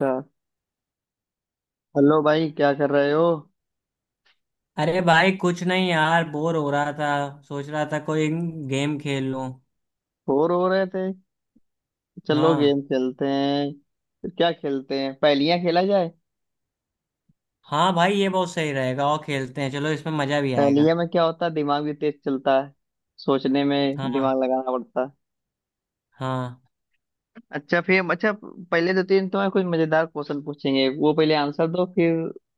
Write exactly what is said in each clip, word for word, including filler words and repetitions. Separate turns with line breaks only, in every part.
अच्छा। हेलो भाई, क्या कर रहे हो?
अरे भाई कुछ नहीं यार बोर हो रहा था। सोच रहा था कोई गेम खेल लूं।
बोर हो रहे थे? चलो
हाँ।
गेम खेलते हैं। फिर क्या खेलते हैं, पहेलियां खेला जाए?
हाँ भाई ये बहुत सही रहेगा और खेलते हैं, चलो इसमें मजा भी आएगा।
पहेलियां में क्या होता है, दिमाग भी तेज चलता है। सोचने में
हाँ।
दिमाग लगाना पड़ता है।
हाँ,
अच्छा, फिर हम- अच्छा, पहले दो तीन तुम्हें कुछ मजेदार क्वेश्चन पूछेंगे, वो पहले आंसर दो, फिर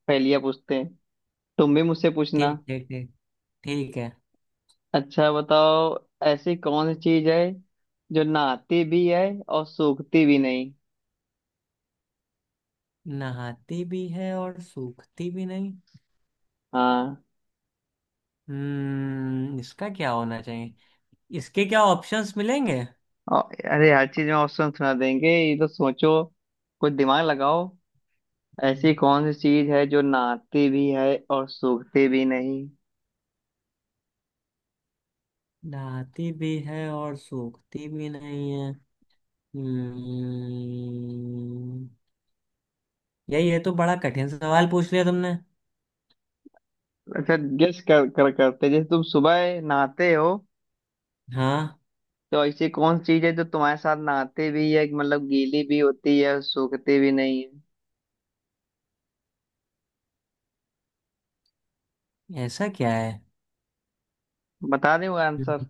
पहेलियां पूछते हैं। तुम भी मुझसे पूछना।
ठीक ठीक ठीक। ठीक है।
अच्छा बताओ, ऐसी कौन सी चीज है जो नहाती भी है और सूखती भी नहीं?
नहाती भी है और सूखती भी नहीं।
हाँ।
हम्म इसका क्या होना चाहिए? इसके क्या ऑप्शंस मिलेंगे?
और- अरे हर चीज में ऑप्शन सुना देंगे, ये तो सोचो, कुछ दिमाग लगाओ। ऐसी
हम्म,
कौन सी चीज है जो नहाती भी है और सूखती भी नहीं?
नहाती भी है और सूखती भी नहीं है। हम्म यार ये तो बड़ा कठिन सवाल पूछ लिया तुमने।
अच्छा गेस कर, कर करते, जैसे तुम सुबह नहाते हो,
हाँ,
तो ऐसी कौन सी चीज है जो तुम्हारे साथ नहाते भी है, मतलब गीली भी होती है और सूखती भी नहीं है?
ऐसा क्या है?
बता दे आंसर।
हम्म।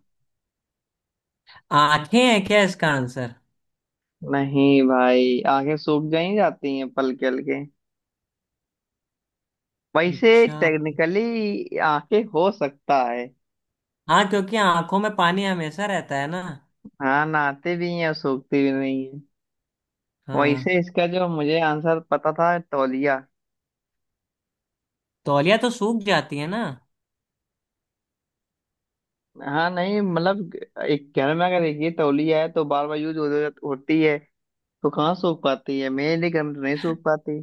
आंखें हैं क्या इसका आंसर?
नहीं भाई, आंखें सूख गई जाती हैं, पलके हल्के। वैसे
अच्छा।
टेक्निकली आंखें हो सकता है।
हाँ, क्योंकि आंखों में पानी हमेशा रहता है ना।
हाँ, नहाते भी हैं और सूखती भी नहीं।
हाँ।
वैसे इसका जो मुझे आंसर पता था, तौलिया।
तौलिया तो सूख जाती है ना।
हाँ नहीं, मतलब एक घर में अगर एक ये तौलिया है, तो बार बार यूज हो, होती है, तो कहाँ सूख पाती है? मेरे लिए घर में तो नहीं सूख पाती।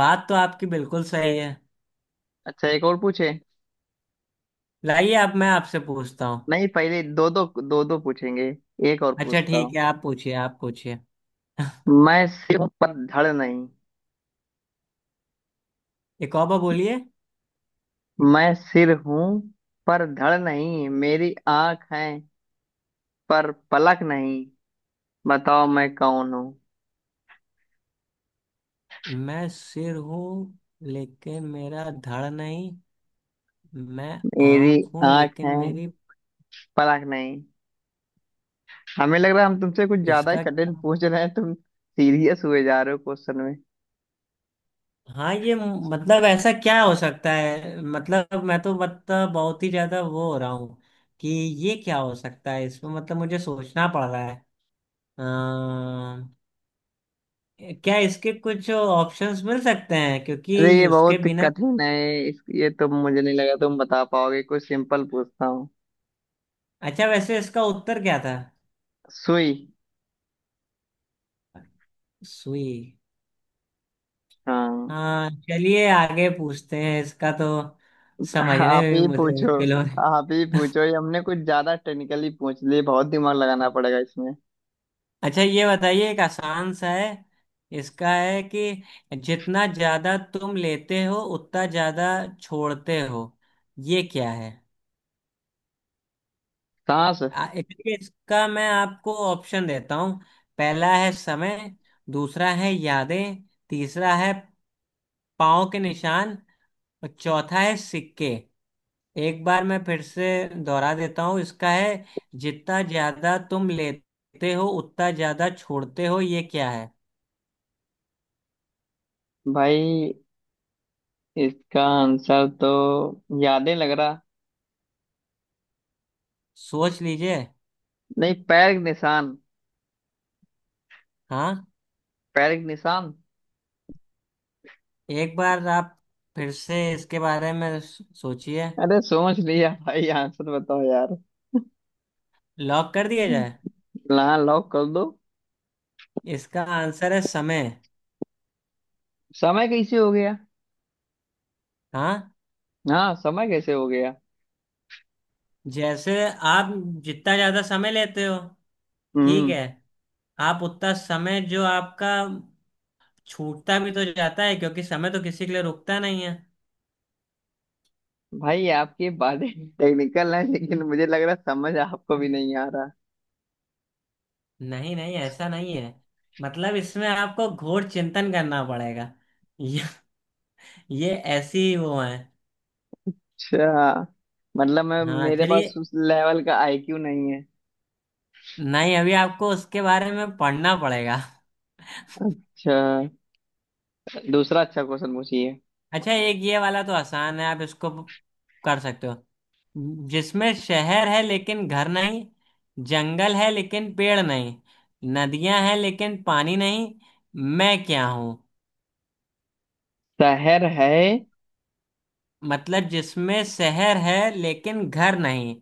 बात तो आपकी बिल्कुल सही है।
अच्छा, एक और पूछे?
लाइए अब मैं आपसे पूछता हूँ।
नहीं, पहले दो दो दो दो पूछेंगे। एक और
अच्छा
पूछता
ठीक
हूँ।
है, आप पूछिए आप पूछिए।
मैं सिर हूँ पर धड़ नहीं।
एक और बार बोलिए।
मैं सिर हूँ पर धड़ नहीं, मेरी आंख है पर पलक नहीं। बताओ मैं कौन हूँ?
मैं सिर हूँ लेकिन मेरा धड़ नहीं। मैं
मेरी
आँख हूँ
आंख
लेकिन
है,
मेरी,
पलक नहीं। हमें लग रहा है हम तुमसे कुछ ज्यादा ही
इसका
कठिन
क्या?
पूछ रहे हैं, तुम सीरियस हुए जा रहे हो क्वेश्चन में।
हाँ, ये मतलब ऐसा क्या हो सकता है, मतलब मैं तो मतलब बहुत ही ज्यादा वो हो रहा हूँ कि ये क्या हो सकता है, इसमें मतलब मुझे सोचना पड़ रहा है। अ, क्या इसके कुछ ऑप्शंस मिल सकते हैं, क्योंकि
अरे ये
उसके
बहुत
बिना?
कठिन है। इस ये तो मुझे नहीं लगा तुम बता पाओगे, कुछ सिंपल पूछता हूँ।
अच्छा वैसे इसका उत्तर क्या था?
सुई।
सुई।
हाँ,
हाँ, चलिए आगे पूछते हैं, इसका तो समझने
आप
में भी
ही
मुझे
पूछो।
मुश्किल हो रहा है।
आप ही पूछो, ये हमने कुछ ज्यादा टेक्निकली पूछ लिए, बहुत दिमाग लगाना पड़ेगा इसमें।
अच्छा ये बताइए, एक आसान सा है। इसका है कि जितना ज्यादा तुम लेते हो उतना ज्यादा छोड़ते हो, ये क्या है?
सांस।
आ- इसलिए इसका मैं आपको ऑप्शन देता हूँ। पहला है समय। दूसरा है यादें। तीसरा है पाँव के निशान। और चौथा है सिक्के। एक बार मैं फिर से दोहरा देता हूँ, इसका है जितना ज्यादा तुम लेते हो उतना ज्यादा छोड़ते हो, ये क्या है?
भाई इसका आंसर तो याद नहीं लग रहा।
सोच लीजिए।
नहीं, पैर के निशान।
हाँ,
पैर के निशान।
एक बार आप फिर से इसके बारे में सो- सोचिए।
अरे सोच लिया भाई, आंसर बताओ यार।
लॉक कर दिया जाए?
हाँ, लॉक कर दो।
इसका आंसर है समय।
समय कैसे हो गया?
हाँ।
हाँ, समय कैसे हो गया?
जैसे आप जितना ज्यादा समय लेते हो, ठीक
हम्म।
है, आप उतना समय जो आपका छूटता भी तो जाता है, क्योंकि समय तो किसी के लिए रुकता नहीं है।
भाई आपकी बातें टेक्निकल है, लेकिन मुझे लग रहा है समझ आपको भी नहीं आ रहा।
नहीं नहीं, ऐसा नहीं है। मतलब इसमें आपको घोर चिंतन करना पड़ेगा। ये ये ऐसी वो है।
अच्छा, मतलब मैं,
हाँ
मेरे
चलिए।
पास उस लेवल का आईक्यू नहीं है।
नहीं, अभी आपको उसके बारे में पढ़ना पड़ेगा।
अच्छा, दूसरा अच्छा क्वेश्चन पूछिए।
अच्छा एक ये वाला तो आसान है, आप इसको कर सकते हो। जिसमें शहर है लेकिन घर नहीं, जंगल है लेकिन पेड़ नहीं, नदियां हैं लेकिन पानी नहीं, मैं क्या हूं?
शहर है।
मतलब जिसमें शहर है लेकिन घर नहीं,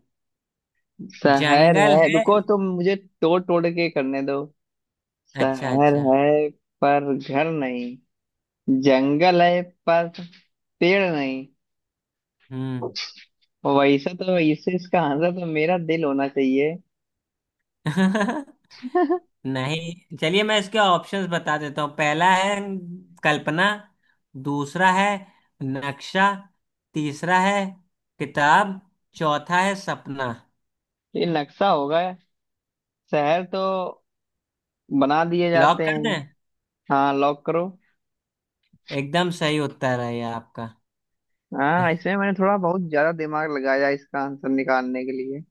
शहर
जंगल
है,
है।
रुको तो मुझे तोड़ तोड़ के करने दो।
अच्छा
शहर
अच्छा।
है पर घर नहीं, जंगल है पर पेड़ नहीं।
हम्म।
और वैसा तो इससे इसका आंसर तो मेरा दिल होना चाहिए।
नहीं चलिए मैं इसके ऑप्शंस बता देता हूँ। पहला है कल्पना। दूसरा है नक्शा। तीसरा है किताब। चौथा है सपना।
ये नक्शा होगा, शहर तो बना दिए
लॉक
जाते
कर
हैं।
दें?
हाँ, लॉक करो।
एकदम सही उत्तर है ये आपका।
हाँ, इसमें मैंने थोड़ा बहुत ज्यादा दिमाग लगाया इसका आंसर निकालने के लिए।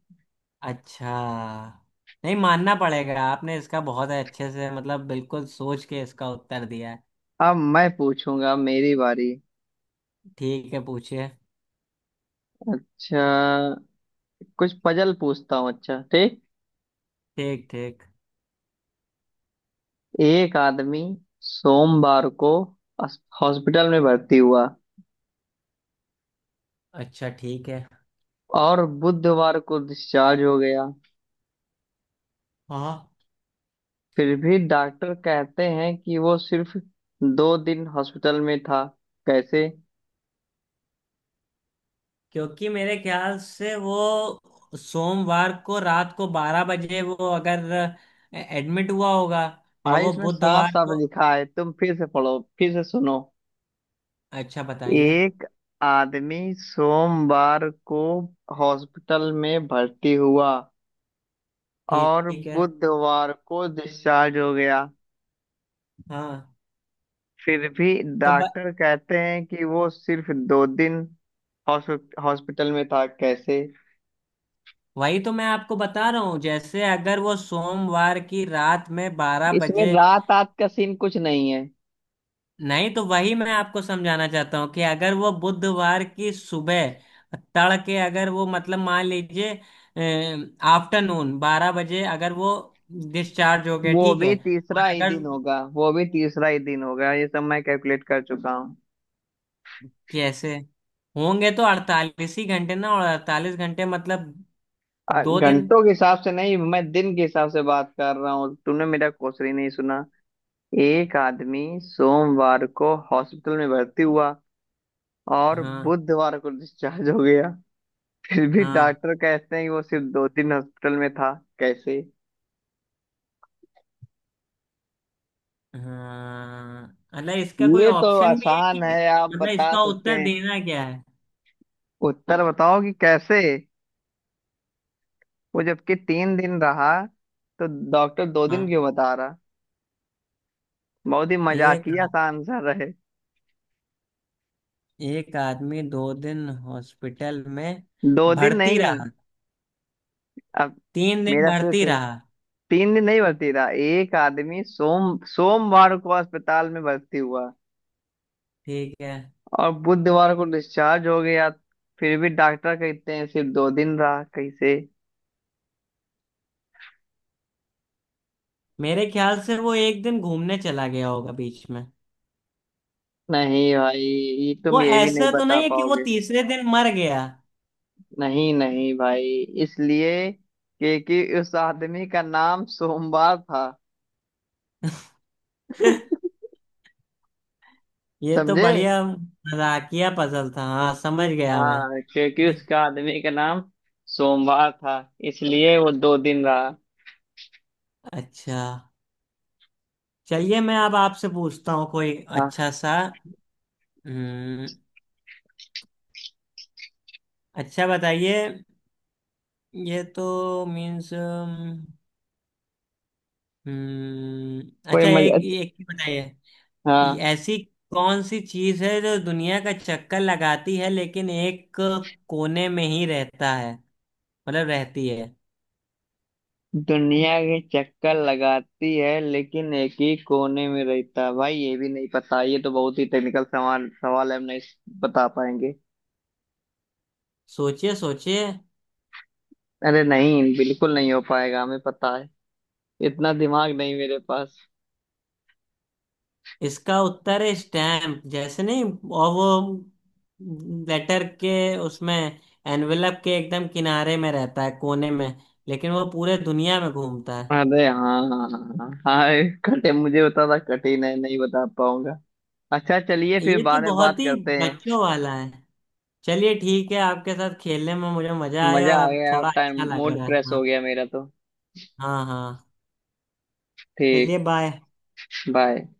अच्छा। नहीं, मानना पड़ेगा आपने इसका बहुत अच्छे से मतलब बिल्कुल सोच के इसका उत्तर दिया है।
अब मैं पूछूंगा, अब मेरी बारी।
ठीक है पूछिए।
अच्छा, कुछ पजल पूछता हूँ, अच्छा ठीक।
ठीक ठीक।
एक आदमी सोमवार को अस- हॉस्पिटल में भर्ती हुआ,
अच्छा ठीक है।
और बुधवार को डिस्चार्ज हो गया।
हाँ,
फिर भी डॉक्टर कहते हैं कि वो सिर्फ दो दिन हॉस्पिटल में था, कैसे?
क्योंकि मेरे ख्याल से वो सोमवार को रात को बारह बजे, वो अगर एडमिट हुआ होगा और
भाई
वो
उसमें साफ
बुधवार
साफ
को।
लिखा है, तुम फिर से पढ़ो, फिर से सुनो।
अच्छा बताइए।
एक आदमी सोमवार को हॉस्पिटल में भर्ती हुआ,
ठीक
और
ठीक है।
बुधवार को डिस्चार्ज हो गया।
हाँ।
फिर भी
तो ब...
डॉक्टर कहते हैं कि वो सिर्फ दो दिन हॉस्पिटल में था, कैसे?
वही तो मैं आपको बता रहा हूँ, जैसे अगर वो सोमवार की रात में बारह
इसमें
बजे
रात रात का सीन कुछ नहीं है।
नहीं, तो वही मैं आपको समझाना चाहता हूँ कि अगर वो बुधवार की सुबह तड़के, अगर वो मतलब मान लीजिए आफ्टरनून बारह बजे अगर वो डिस्चार्ज हो गए,
वो
ठीक है,
भी तीसरा
और
ही
अगर
दिन होगा, वो भी तीसरा ही दिन होगा, ये सब मैं कैलकुलेट कर चुका हूँ।
कैसे होंगे तो अड़तालीस ही घंटे ना, और अड़तालीस घंटे मतलब
अ,
दो दिन।
घंटों के हिसाब से नहीं, मैं दिन के हिसाब से बात कर रहा हूँ, तूने मेरा क्वेश्चन ही नहीं सुना। एक आदमी सोमवार को हॉस्पिटल में भर्ती हुआ, और
हाँ
बुधवार को डिस्चार्ज हो गया। फिर भी
हाँ
डॉक्टर कहते हैं कि वो सिर्फ दो दिन हॉस्पिटल में था, कैसे?
हाँ। मतलब इसका कोई
ये तो
ऑप्शन भी है
आसान
कि,
है, आप
मतलब
बता
इसका
सकते
उत्तर
हैं।
देना क्या है?
उत्तर बताओ कि कैसे वो जबकि तीन दिन रहा, तो डॉक्टर दो दिन
हाँ।
क्यों बता रहा? बहुत ही
एक
मजाकिया सा आंसर रहे।
एक आदमी दो दिन हॉस्पिटल में
दो दिन
भर्ती
नहीं।
रहा,
अब
तीन दिन
मेरा फिर
भर्ती
से,
रहा,
तीन दिन नहीं भर्ती था। एक आदमी सोम सोमवार को अस्पताल में भर्ती हुआ,
ठीक है।
और बुधवार को डिस्चार्ज हो गया। फिर भी डॉक्टर कहते हैं सिर्फ दो दिन रहा, कैसे?
मेरे ख्याल से वो एक दिन घूमने चला गया होगा बीच में।
नहीं भाई, ये तुम
वो
ये भी नहीं
ऐसा तो
बता
नहीं है कि वो
पाओगे।
तीसरे दिन मर गया?
नहीं नहीं भाई, इसलिए क्योंकि उस आदमी का नाम सोमवार था।
ये तो
समझे?
बढ़िया मजाकिया पजल था, हाँ समझ गया मैं।
हाँ, क्योंकि उसका आदमी का नाम सोमवार था, इसलिए वो दो दिन रहा।
अच्छा चलिए मैं अब आपसे पूछता हूँ कोई
हाँ,
अच्छा सा। हम्म अच्छा बताइए। ये तो मीन्स। हम्म हम्म,
कोई
अच्छा एक
मजा।
एक ही बताइए। ये
हाँ।
ऐसी कौन सी चीज है जो दुनिया का चक्कर लगाती है लेकिन एक कोने में ही रहता है, मतलब रहती है?
दुनिया के चक्कर लगाती है लेकिन एक ही कोने में रहता है। भाई ये भी नहीं पता, ये तो बहुत ही टेक्निकल सवाल सवाल है, हम नहीं बता पाएंगे।
सोचिए सोचिए।
अरे नहीं, बिल्कुल नहीं हो पाएगा, हमें पता है इतना दिमाग नहीं मेरे पास।
इसका उत्तर है स्टैम्प, जैसे नहीं, और वो लेटर के, उसमें एनवेलप के एकदम किनारे में रहता है कोने में, लेकिन वो पूरे दुनिया में घूमता है।
अरे हाँ हाँ हाँ हाँ, ये कठिन मुझे बता था, कठिन है, नहीं बता पाऊंगा। अच्छा चलिए, फिर
ये तो
बाद में बात
बहुत ही
करते हैं।
बच्चों वाला है। चलिए ठीक है, आपके साथ खेलने में मुझे मजा आया
मजा
और
आ
अब
गया,
थोड़ा
टाइम
अच्छा लग
मूड
रहा है,
फ्रेश हो
हाँ।
गया मेरा तो।
हाँ हाँ। चलिए
ठीक।
बाय।
बाय।